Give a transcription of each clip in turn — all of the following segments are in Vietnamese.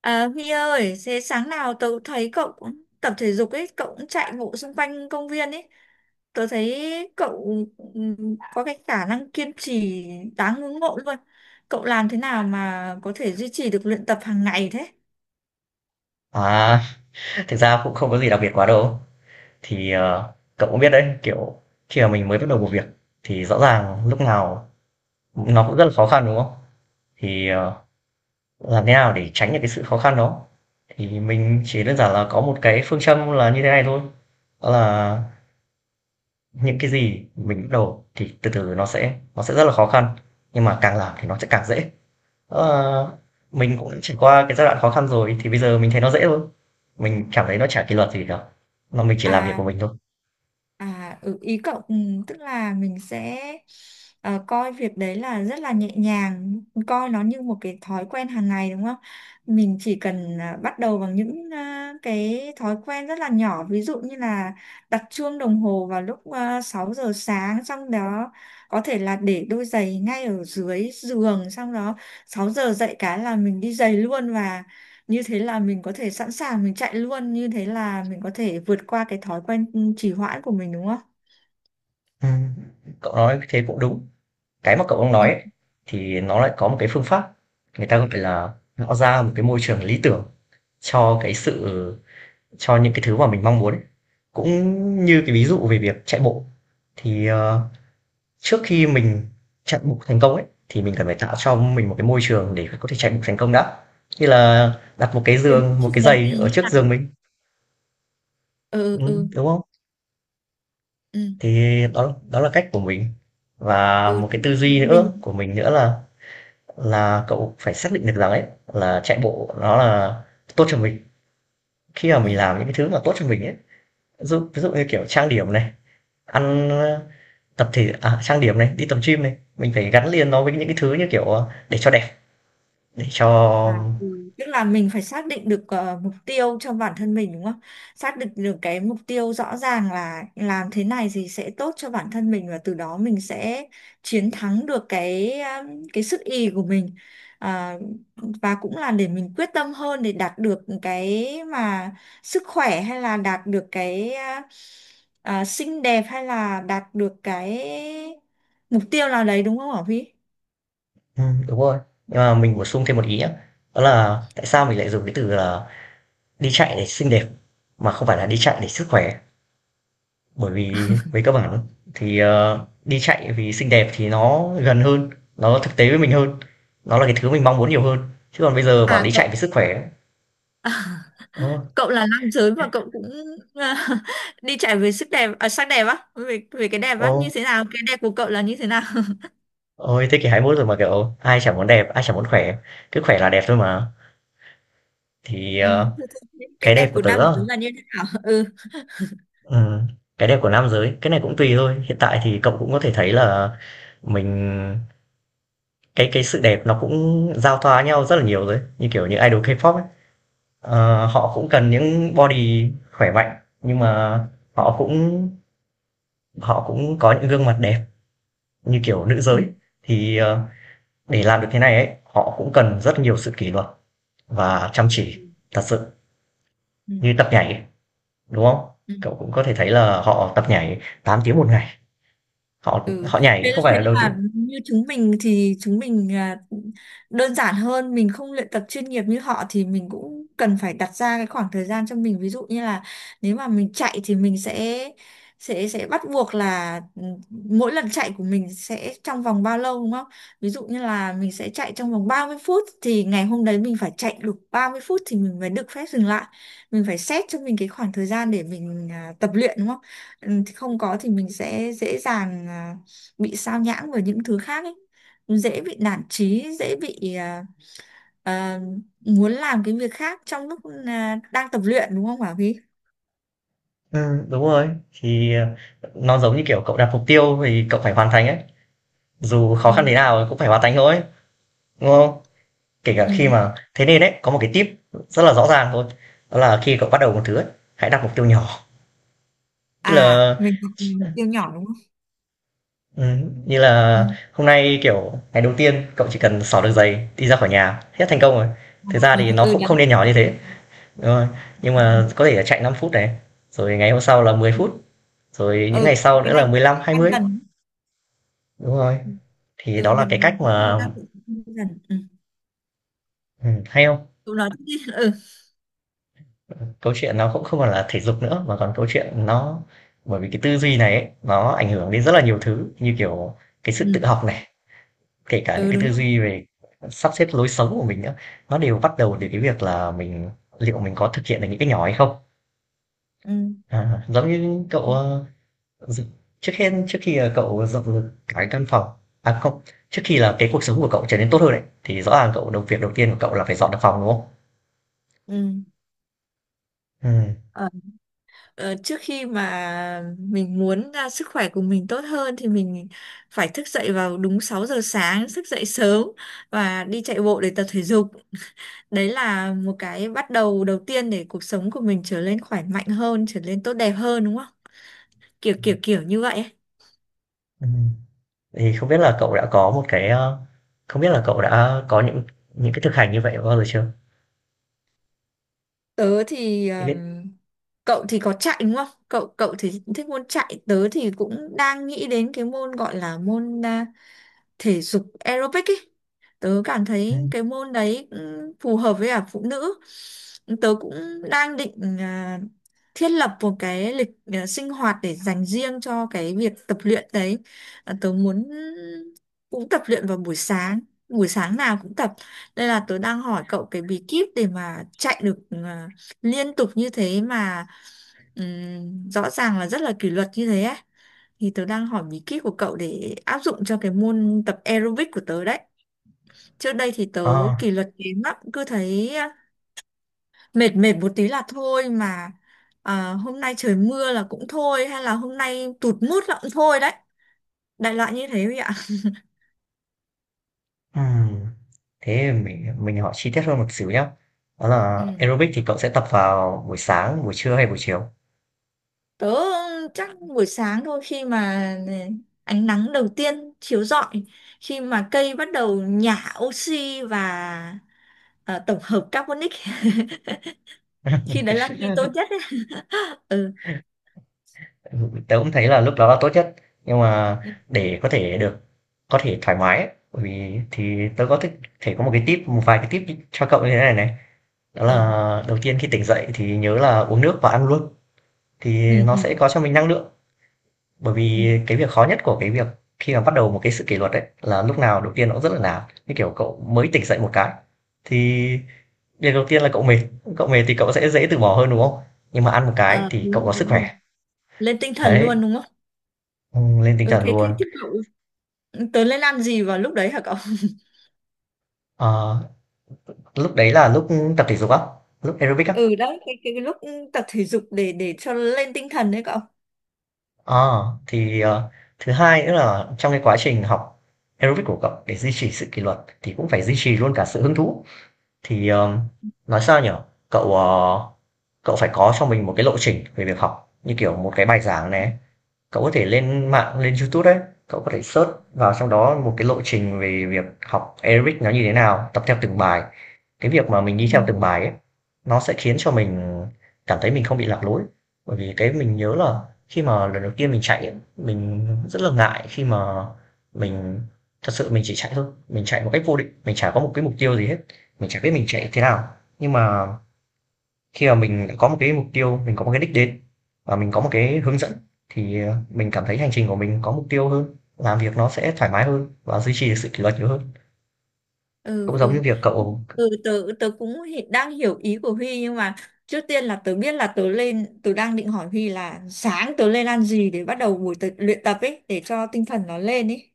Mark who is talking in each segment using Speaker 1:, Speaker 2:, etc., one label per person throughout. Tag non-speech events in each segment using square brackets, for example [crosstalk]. Speaker 1: À, Huy ơi, thế sáng nào tớ cũng thấy cậu cũng tập thể dục ấy, cậu cũng chạy bộ xung quanh công viên ấy. Tớ thấy cậu có cái khả năng kiên trì đáng ngưỡng mộ luôn. Cậu làm thế nào mà có thể duy trì được luyện tập hàng ngày thế?
Speaker 2: À, thực ra cũng không có gì đặc biệt quá đâu. Thì, cậu cũng biết đấy, kiểu, khi mà mình mới bắt đầu một việc thì rõ ràng lúc nào nó cũng rất là khó khăn, đúng không? Thì, làm thế nào để tránh được cái sự khó khăn đó? Thì mình chỉ đơn giản là có một cái phương châm là như thế này thôi, đó là những cái gì mình bắt đầu thì từ từ nó sẽ rất là khó khăn, nhưng mà càng làm thì nó sẽ càng dễ. Đó là mình cũng đã trải qua cái giai đoạn khó khăn rồi thì bây giờ mình thấy nó dễ thôi, mình cảm thấy nó chả kỷ luật gì cả, mà mình chỉ làm việc của
Speaker 1: À,
Speaker 2: mình thôi.
Speaker 1: à, ừ, ý cậu tức là mình sẽ coi việc đấy là rất là nhẹ nhàng, coi nó như một cái thói quen hàng ngày đúng không? Mình chỉ cần bắt đầu bằng những cái thói quen rất là nhỏ, ví dụ như là đặt chuông đồng hồ vào lúc 6 giờ sáng, xong đó có thể là để đôi giày ngay ở dưới giường, xong đó 6 giờ dậy cái là mình đi giày luôn và như thế là mình có thể sẵn sàng mình chạy luôn như thế là mình có thể vượt qua cái thói quen trì hoãn của mình đúng không?
Speaker 2: Ừm, cậu nói thế cũng đúng. Cái mà cậu đang nói
Speaker 1: Ừ.
Speaker 2: ấy, thì nó lại có một cái phương pháp, người ta gọi là tạo ra một cái môi trường lý tưởng cho cái sự cho những cái thứ mà mình mong muốn ấy. Cũng như cái ví dụ về việc chạy bộ, thì, trước khi mình chạy bộ thành công ấy, thì mình cần phải tạo cho mình một cái môi trường để có thể chạy bộ thành công đã. Như là đặt một cái
Speaker 1: Cái môi
Speaker 2: giường, một cái
Speaker 1: trường đấy thì
Speaker 2: giày ở
Speaker 1: như
Speaker 2: trước
Speaker 1: nào?
Speaker 2: giường mình,
Speaker 1: Ừ, ừ,
Speaker 2: đúng không?
Speaker 1: ừ,
Speaker 2: Thì đó đó là cách của mình. Và
Speaker 1: ừ,
Speaker 2: một cái tư duy
Speaker 1: mình,
Speaker 2: nữa của mình nữa là cậu phải xác định được rằng ấy là chạy bộ nó là tốt cho mình khi mà
Speaker 1: ừ.
Speaker 2: mình làm những cái thứ mà tốt cho mình ấy, ví dụ như kiểu trang điểm này, ăn tập thể trang điểm này, đi tập gym này, mình phải gắn liền nó với những cái thứ như kiểu để cho đẹp, để cho
Speaker 1: À, ừ. Tức là mình phải xác định được mục tiêu cho bản thân mình đúng không? Xác định được cái mục tiêu rõ ràng là làm thế này thì sẽ tốt cho bản thân mình và từ đó mình sẽ chiến thắng được cái sức ì của mình. À, và cũng là để mình quyết tâm hơn để đạt được cái mà sức khỏe hay là đạt được cái xinh đẹp hay là đạt được cái mục tiêu nào đấy đúng không hả Vy?
Speaker 2: ừ, đúng rồi, nhưng mà mình bổ sung thêm một ý nhé, đó là tại sao mình lại dùng cái từ là đi chạy để xinh đẹp mà không phải là đi chạy để sức khỏe. Bởi vì về cơ bản thì, đi chạy vì xinh đẹp thì nó gần hơn, nó thực tế với mình hơn, nó là cái thứ mình mong muốn nhiều hơn. Chứ còn bây giờ bảo
Speaker 1: À
Speaker 2: đi chạy
Speaker 1: cậu
Speaker 2: vì sức khỏe ô
Speaker 1: [laughs] cậu là nam giới và cậu cũng à, [laughs] đi chạy về sức đẹp à, sắc đẹp á về về cái đẹp á như
Speaker 2: ô,
Speaker 1: thế nào, cái đẹp của cậu là như thế nào? [laughs]
Speaker 2: ôi thế kỷ 21 rồi mà, kiểu, ai chẳng muốn đẹp, ai chẳng muốn khỏe, cứ khỏe là đẹp thôi mà. Thì,
Speaker 1: Ừ. Thế thì cái
Speaker 2: cái
Speaker 1: đẹp
Speaker 2: đẹp của
Speaker 1: của
Speaker 2: tớ
Speaker 1: nam giới
Speaker 2: á,
Speaker 1: là như thế nào? [laughs] Ừ.
Speaker 2: ừm, cái đẹp của nam giới, cái này cũng tùy thôi. Hiện tại thì cậu cũng có thể thấy là mình cái sự đẹp nó cũng giao thoa nhau rất là nhiều rồi như kiểu những idol K-pop ấy. Ờ, họ cũng cần những body khỏe mạnh, nhưng mà
Speaker 1: Ừ.
Speaker 2: họ cũng họ cũng có những gương mặt đẹp như kiểu nữ giới. Thì, để làm được thế này ấy, họ cũng cần rất nhiều sự kỷ luật và chăm chỉ
Speaker 1: Ừ.
Speaker 2: thật sự,
Speaker 1: Ừ.
Speaker 2: như tập nhảy ấy, đúng không?
Speaker 1: Ừ.
Speaker 2: Cậu cũng có thể thấy là họ tập nhảy 8 tiếng một ngày, họ
Speaker 1: Ừ.
Speaker 2: họ nhảy
Speaker 1: Thế,
Speaker 2: không phải
Speaker 1: thế
Speaker 2: là đầu
Speaker 1: là
Speaker 2: tiên.
Speaker 1: như chúng mình thì chúng mình là đơn giản hơn, mình không luyện tập chuyên nghiệp như họ thì mình cũng cần phải đặt ra cái khoảng thời gian cho mình, ví dụ như là nếu mà mình chạy thì mình sẽ bắt buộc là mỗi lần chạy của mình sẽ trong vòng bao lâu đúng không? Ví dụ như là mình sẽ chạy trong vòng 30 phút thì ngày hôm đấy mình phải chạy được 30 phút thì mình mới được phép dừng lại. Mình phải xét cho mình cái khoảng thời gian để mình tập luyện đúng không? Ừ, thì không có thì mình sẽ dễ dàng bị sao nhãng với những thứ khác ấy, dễ bị nản chí, dễ bị à, muốn làm cái việc khác trong lúc đang tập luyện đúng không Bảo Vy?
Speaker 2: Ừm, đúng rồi, thì, nó giống như kiểu cậu đặt mục tiêu thì cậu phải hoàn thành ấy, dù khó khăn
Speaker 1: Ừ,
Speaker 2: thế nào cũng phải hoàn thành thôi, đúng không? Kể cả khi
Speaker 1: ừ.
Speaker 2: mà thế nên đấy có một cái tip rất là rõ ràng thôi, đó là khi cậu bắt đầu một thứ ấy, hãy đặt mục tiêu nhỏ. như
Speaker 1: À
Speaker 2: là
Speaker 1: mình học mình siêu nhỏ đúng không?
Speaker 2: ừ, như
Speaker 1: Ừ.
Speaker 2: là hôm nay, kiểu, ngày đầu tiên cậu chỉ cần xỏ được giày, đi ra khỏi nhà, hết thành công rồi. Thực ra
Speaker 1: [laughs]
Speaker 2: thì
Speaker 1: Ừ,
Speaker 2: nó
Speaker 1: ừ,
Speaker 2: cũng
Speaker 1: đấy.
Speaker 2: không nên nhỏ như thế, đúng rồi, nhưng mà có thể là chạy 5 phút này, rồi ngày hôm sau là 10 phút, rồi những
Speaker 1: Ừ,
Speaker 2: ngày sau
Speaker 1: cái
Speaker 2: nữa
Speaker 1: này
Speaker 2: là mười
Speaker 1: cũng
Speaker 2: lăm hai
Speaker 1: đang
Speaker 2: mươi
Speaker 1: dần,
Speaker 2: Đúng rồi,
Speaker 1: ừ,
Speaker 2: thì
Speaker 1: ừ,
Speaker 2: đó là cái cách
Speaker 1: mình thời
Speaker 2: mà
Speaker 1: gian cũng đang tự dần, ừ,
Speaker 2: ừ, hay không,
Speaker 1: tụi nó cũng- ừ,
Speaker 2: câu chuyện nó cũng không còn là thể dục nữa mà còn câu chuyện nó, bởi vì cái tư duy này ấy, nó ảnh hưởng đến rất là nhiều thứ như kiểu cái sự tự
Speaker 1: ừ,
Speaker 2: học này, kể cả những
Speaker 1: ừ,
Speaker 2: cái
Speaker 1: đúng
Speaker 2: tư
Speaker 1: rồi,
Speaker 2: duy về sắp xếp lối sống của mình nữa, nó đều bắt đầu từ cái việc là mình liệu mình có thực hiện được những cái nhỏ hay không.
Speaker 1: ừ,
Speaker 2: À, giống như cậu dự- trước hết trước khi là cậu dọn được cái căn phòng, à không, trước khi là cái cuộc sống của cậu trở nên tốt hơn đấy thì rõ ràng cậu đầu việc đầu tiên của cậu là phải dọn được phòng, đúng không?
Speaker 1: ừ.
Speaker 2: Ừ.
Speaker 1: Ờ, ờ, trước khi mà mình muốn sức khỏe của mình tốt hơn thì mình phải thức dậy vào đúng 6 giờ sáng, thức dậy sớm và đi chạy bộ để tập thể dục. Đấy là một cái bắt đầu đầu tiên để cuộc sống của mình trở nên khỏe mạnh hơn, trở nên tốt đẹp hơn đúng không? Kiểu kiểu kiểu như vậy ấy.
Speaker 2: Ừ. Thì không biết là cậu đã có một cái, ơ không biết là cậu đã có những cái thực hành như vậy bao giờ chưa?
Speaker 1: Tớ thì
Speaker 2: Thì biết
Speaker 1: cậu thì có chạy đúng không? Cậu cậu thì thích môn chạy, tớ thì cũng đang nghĩ đến cái môn gọi là môn thể dục aerobic ý. Tớ cảm thấy
Speaker 2: ừm,
Speaker 1: cái môn đấy cũng phù hợp với cả phụ nữ. Tớ cũng đang định thiết lập một cái lịch sinh hoạt để dành riêng cho cái việc tập luyện đấy. À, tớ muốn cũng tập luyện vào buổi sáng nào cũng tập. Đây là tớ đang hỏi cậu cái bí kíp để mà chạy được liên tục như thế mà rõ ràng là rất là kỷ luật như thế ấy, thì tớ đang hỏi bí kíp của cậu để áp dụng cho cái môn tập aerobic của tớ đấy. Trước đây thì tớ
Speaker 2: ờ,
Speaker 1: kỷ luật kém lắm, cứ thấy mệt mệt một tí là thôi mà, hôm nay trời mưa là cũng thôi hay là hôm nay tụt mood là cũng thôi đấy. Đại loại như thế vậy ạ.
Speaker 2: ừm, thế mình hỏi chi tiết hơn một xíu nhá. Đó là
Speaker 1: Ừ.
Speaker 2: aerobic thì cậu sẽ tập vào buổi sáng, buổi trưa hay buổi chiều?
Speaker 1: Tớ chắc buổi sáng thôi, khi mà à, ánh nắng đầu tiên chiếu rọi, khi mà cây bắt đầu nhả oxy và tổng hợp carbonic, [laughs] khi đấy là khi tốt nhất ấy. [laughs] Ừ.
Speaker 2: Tớ cũng thấy là lúc đó là tốt nhất, nhưng mà để có thể được có thể thoải mái ấy, bởi vì thì tớ có thích thể có một cái tip, một vài cái tip cho cậu như thế này này. Đó
Speaker 1: Ừ.
Speaker 2: là đầu tiên khi tỉnh dậy thì nhớ là uống nước và ăn luôn, thì
Speaker 1: Ừ,
Speaker 2: nó
Speaker 1: ừ,
Speaker 2: sẽ có cho mình năng lượng. Bởi
Speaker 1: ừ,
Speaker 2: vì cái việc khó nhất của cái việc khi mà bắt đầu một cái sự kỷ luật ấy, là lúc nào đầu tiên nó cũng rất là nản. Như kiểu cậu mới tỉnh dậy một cái, thì điều đầu tiên là cậu mệt thì cậu sẽ dễ từ bỏ hơn, đúng không? Nhưng mà ăn một cái
Speaker 1: à,
Speaker 2: thì
Speaker 1: đúng
Speaker 2: cậu
Speaker 1: rồi
Speaker 2: có sức
Speaker 1: đúng
Speaker 2: khỏe,
Speaker 1: rồi, lên tinh thần
Speaker 2: đấy,
Speaker 1: luôn đúng không?
Speaker 2: lên tinh
Speaker 1: Ừ,
Speaker 2: thần
Speaker 1: thế thế
Speaker 2: luôn.
Speaker 1: thế cậu, ừ, tớ lên ăn gì vào lúc đấy hả cậu?
Speaker 2: Ờ, lúc đấy là lúc tập thể dục á, lúc aerobic á.
Speaker 1: Ừ đấy, cái lúc tập thể dục để cho lên tinh thần đấy cậu.
Speaker 2: Ờ, thì, ờ, thứ hai nữa là trong cái quá trình học aerobic của cậu để duy trì sự kỷ luật thì cũng phải duy trì luôn cả sự hứng thú. Thì, nói sao nhở. Cậu, ờ cậu phải có cho mình một cái lộ trình về việc học như kiểu một cái bài giảng này, cậu có thể lên mạng lên YouTube đấy, cậu có thể search vào trong đó một cái lộ trình về việc học Eric nó như thế nào, tập theo từng bài, cái việc mà mình
Speaker 1: Ừ,
Speaker 2: đi theo từng bài ấy nó sẽ khiến cho mình cảm thấy mình không bị lạc lối, bởi vì cái mình nhớ là khi mà lần đầu tiên mình chạy ấy, mình rất là ngại khi mà mình thật sự mình chỉ chạy thôi, mình chạy một cách vô định, mình chả có một cái mục tiêu gì hết, mình chả biết mình chạy thế nào, nhưng mà khi mà mình đã có một cái mục tiêu, mình có một cái đích đến và mình có một cái hướng dẫn thì mình cảm thấy hành trình của mình có mục tiêu hơn, làm việc nó sẽ thoải mái hơn và duy trì được sự kỷ luật nhiều hơn,
Speaker 1: ừ,
Speaker 2: cũng giống như
Speaker 1: ừ.
Speaker 2: việc cậu
Speaker 1: Ừ, tớ tớ cũng hi- đang hiểu ý của Huy nhưng mà trước tiên là tớ biết là tớ lên, tớ đang định hỏi Huy là sáng tớ lên ăn gì để bắt đầu buổi tập, luyện tập ấy để cho tinh thần nó lên ấy,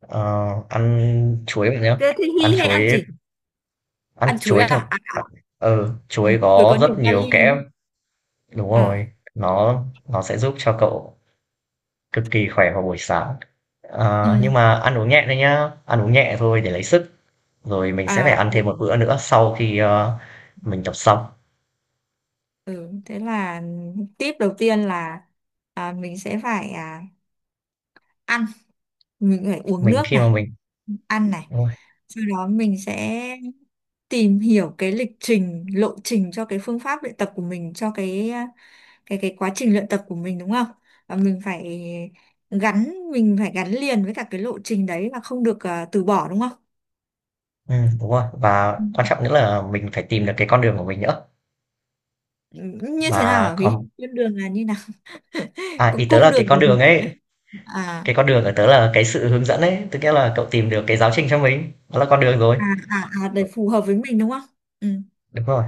Speaker 2: ờ, ăn chuối vậy nhá.
Speaker 1: thế thì
Speaker 2: Ăn
Speaker 1: Huy hay ăn
Speaker 2: chuối,
Speaker 1: gì?
Speaker 2: ăn
Speaker 1: Ăn chuối
Speaker 2: chuối
Speaker 1: à,
Speaker 2: thật,
Speaker 1: à, à.
Speaker 2: ừ,
Speaker 1: Ừ,
Speaker 2: chuối
Speaker 1: chuối có
Speaker 2: có
Speaker 1: nhiều
Speaker 2: rất nhiều
Speaker 1: kali đúng
Speaker 2: kẽm,
Speaker 1: không?
Speaker 2: đúng
Speaker 1: À.
Speaker 2: rồi, nó sẽ giúp cho cậu cực kỳ khỏe vào buổi sáng. Ờ,
Speaker 1: Ừ.
Speaker 2: nhưng mà ăn uống nhẹ thôi nhá, ăn uống nhẹ thôi để lấy sức, rồi mình sẽ phải
Speaker 1: À,
Speaker 2: ăn
Speaker 1: ừ.
Speaker 2: thêm một bữa
Speaker 1: Ừ,
Speaker 2: nữa sau khi mình tập xong.
Speaker 1: ừ, thế là tip đầu tiên là mình sẽ phải ăn, mình phải uống
Speaker 2: Mình
Speaker 1: nước
Speaker 2: khi mà
Speaker 1: này,
Speaker 2: mình
Speaker 1: ăn này.
Speaker 2: đúng rồi,
Speaker 1: Sau đó mình sẽ tìm hiểu cái lịch trình, lộ trình cho cái phương pháp luyện tập của mình, cho cái quá trình luyện tập của mình đúng không? Và mình phải mình phải gắn liền với cả cái lộ trình đấy và không được từ bỏ đúng không?
Speaker 2: ừ, đúng rồi, và quan
Speaker 1: Ừ.
Speaker 2: trọng nữa là mình phải tìm được cái con đường của mình nữa
Speaker 1: Như thế nào
Speaker 2: và
Speaker 1: hả Thúy?
Speaker 2: còn
Speaker 1: Con đường là như nào? [laughs]
Speaker 2: à, ý
Speaker 1: Có
Speaker 2: tớ
Speaker 1: cung
Speaker 2: là
Speaker 1: đường
Speaker 2: cái con
Speaker 1: của,
Speaker 2: đường ấy,
Speaker 1: à
Speaker 2: cái con đường ở tớ là cái sự hướng dẫn ấy, tức nghĩa là cậu tìm được cái giáo trình cho mình, đó là con đường rồi,
Speaker 1: à à à để phù hợp với mình đúng không? Ừ,
Speaker 2: đúng rồi,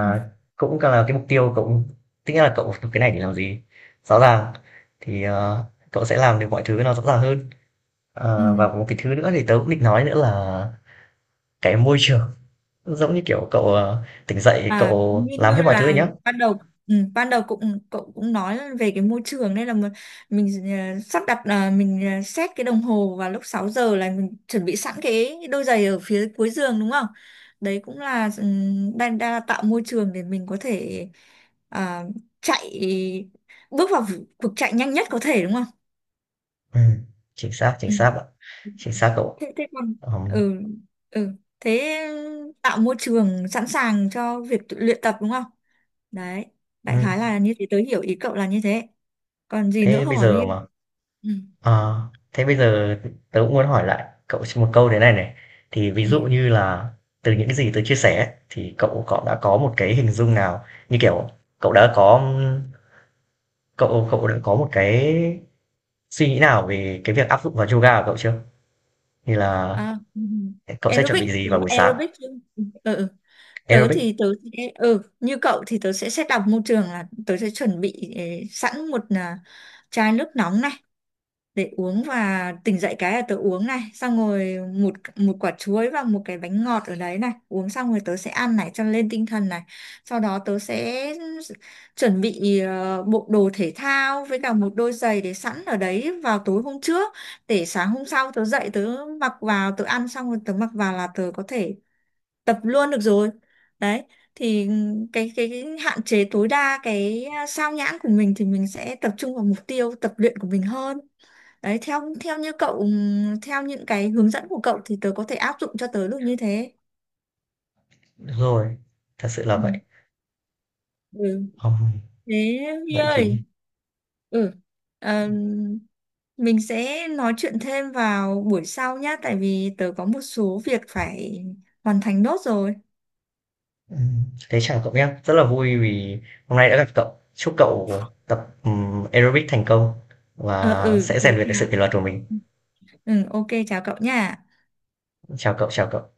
Speaker 1: ừ,
Speaker 2: cũng là cái mục tiêu cậu, tức nghĩa là cậu học cái này để làm gì rõ ràng, thì cậu sẽ làm được mọi thứ nó rõ ràng hơn.
Speaker 1: ừ,
Speaker 2: Và một cái thứ nữa thì tớ cũng định nói nữa là cái môi trường, giống như kiểu cậu tỉnh dậy
Speaker 1: à
Speaker 2: cậu
Speaker 1: như
Speaker 2: làm hết
Speaker 1: như
Speaker 2: mọi thứ rồi
Speaker 1: là
Speaker 2: nhá.
Speaker 1: ban đầu, ừ, ban đầu cũng cậu cũng nói về cái môi trường nên là mình sắp đặt là mình set cái đồng hồ vào lúc 6 giờ là mình chuẩn bị sẵn cái đôi giày ở phía cuối giường đúng không? Đấy cũng là, ừ, đang, đang là tạo môi trường để mình có thể ờ, chạy, bước vào cuộc chạy nhanh nhất có thể đúng không?
Speaker 2: Ừm, Chính xác, chính
Speaker 1: Ừ,
Speaker 2: xác ạ. Chính xác cậu.
Speaker 1: thế, thế còn,
Speaker 2: Ừm,
Speaker 1: ừ, ừ, thế, ừ, tạo môi trường sẵn sàng cho việc tự luyện tập đúng không? Đấy, đại khái
Speaker 2: ừm,
Speaker 1: là như thế, tớ hiểu ý cậu là như thế, còn gì nữa
Speaker 2: thế
Speaker 1: không
Speaker 2: bây
Speaker 1: ở
Speaker 2: giờ
Speaker 1: ghi?
Speaker 2: mà
Speaker 1: Ừ,
Speaker 2: ờ, Thế bây giờ tớ cũng muốn hỏi lại cậu một câu thế này này, thì ví
Speaker 1: ừ,
Speaker 2: dụ như là từ những cái gì tớ chia sẻ ấy, thì cậu cậu đã có một cái hình dung nào, như kiểu, cậu đã có, cậu cậu đã có một cái suy nghĩ nào về cái việc áp dụng vào yoga của cậu chưa? Như là
Speaker 1: à, ừ.
Speaker 2: cậu sẽ chuẩn
Speaker 1: Aerobic,
Speaker 2: bị gì
Speaker 1: đúng
Speaker 2: vào
Speaker 1: là
Speaker 2: buổi sáng?
Speaker 1: aerobic chứ? Ừ, ừ. Ừ. Tớ
Speaker 2: Aerobic,
Speaker 1: thì tớ sẽ, ừ, như cậu thì tớ sẽ set up môi trường là tớ sẽ chuẩn bị sẵn một chai nước nóng này để uống, và tỉnh dậy cái là tớ uống này, xong rồi một một quả chuối và một cái bánh ngọt ở đấy này, uống xong rồi tớ sẽ ăn này cho lên tinh thần này, sau đó tớ sẽ chuẩn bị bộ đồ thể thao với cả một đôi giày để sẵn ở đấy vào tối hôm trước, để sáng hôm sau tớ dậy tớ mặc vào, tớ ăn xong rồi tớ mặc vào là tớ có thể tập luôn được rồi. Đấy thì cái hạn chế tối đa cái sao nhãng của mình thì mình sẽ tập trung vào mục tiêu tập luyện của mình hơn. Đấy theo theo như cậu, theo những cái hướng dẫn của cậu thì tớ có thể áp dụng cho tớ được như thế.
Speaker 2: đúng rồi, thật sự là
Speaker 1: Ừ.
Speaker 2: vậy.
Speaker 1: Ừ
Speaker 2: Ừm,
Speaker 1: thế Huy
Speaker 2: vậy thì
Speaker 1: ơi, ừ, ờm, mình sẽ nói chuyện thêm vào buổi sau nhá, tại vì tớ có một số việc phải hoàn thành nốt rồi.
Speaker 2: Ừm, thế chào cậu nhé, rất là vui vì hôm nay đã gặp cậu. Chúc cậu tập aerobic thành công
Speaker 1: Ờ,
Speaker 2: và
Speaker 1: ừ,
Speaker 2: sẽ rèn
Speaker 1: thế
Speaker 2: luyện được sự
Speaker 1: chào,
Speaker 2: kỷ luật của mình.
Speaker 1: ừ, ok, chào cậu nha.
Speaker 2: Chào cậu, chào cậu.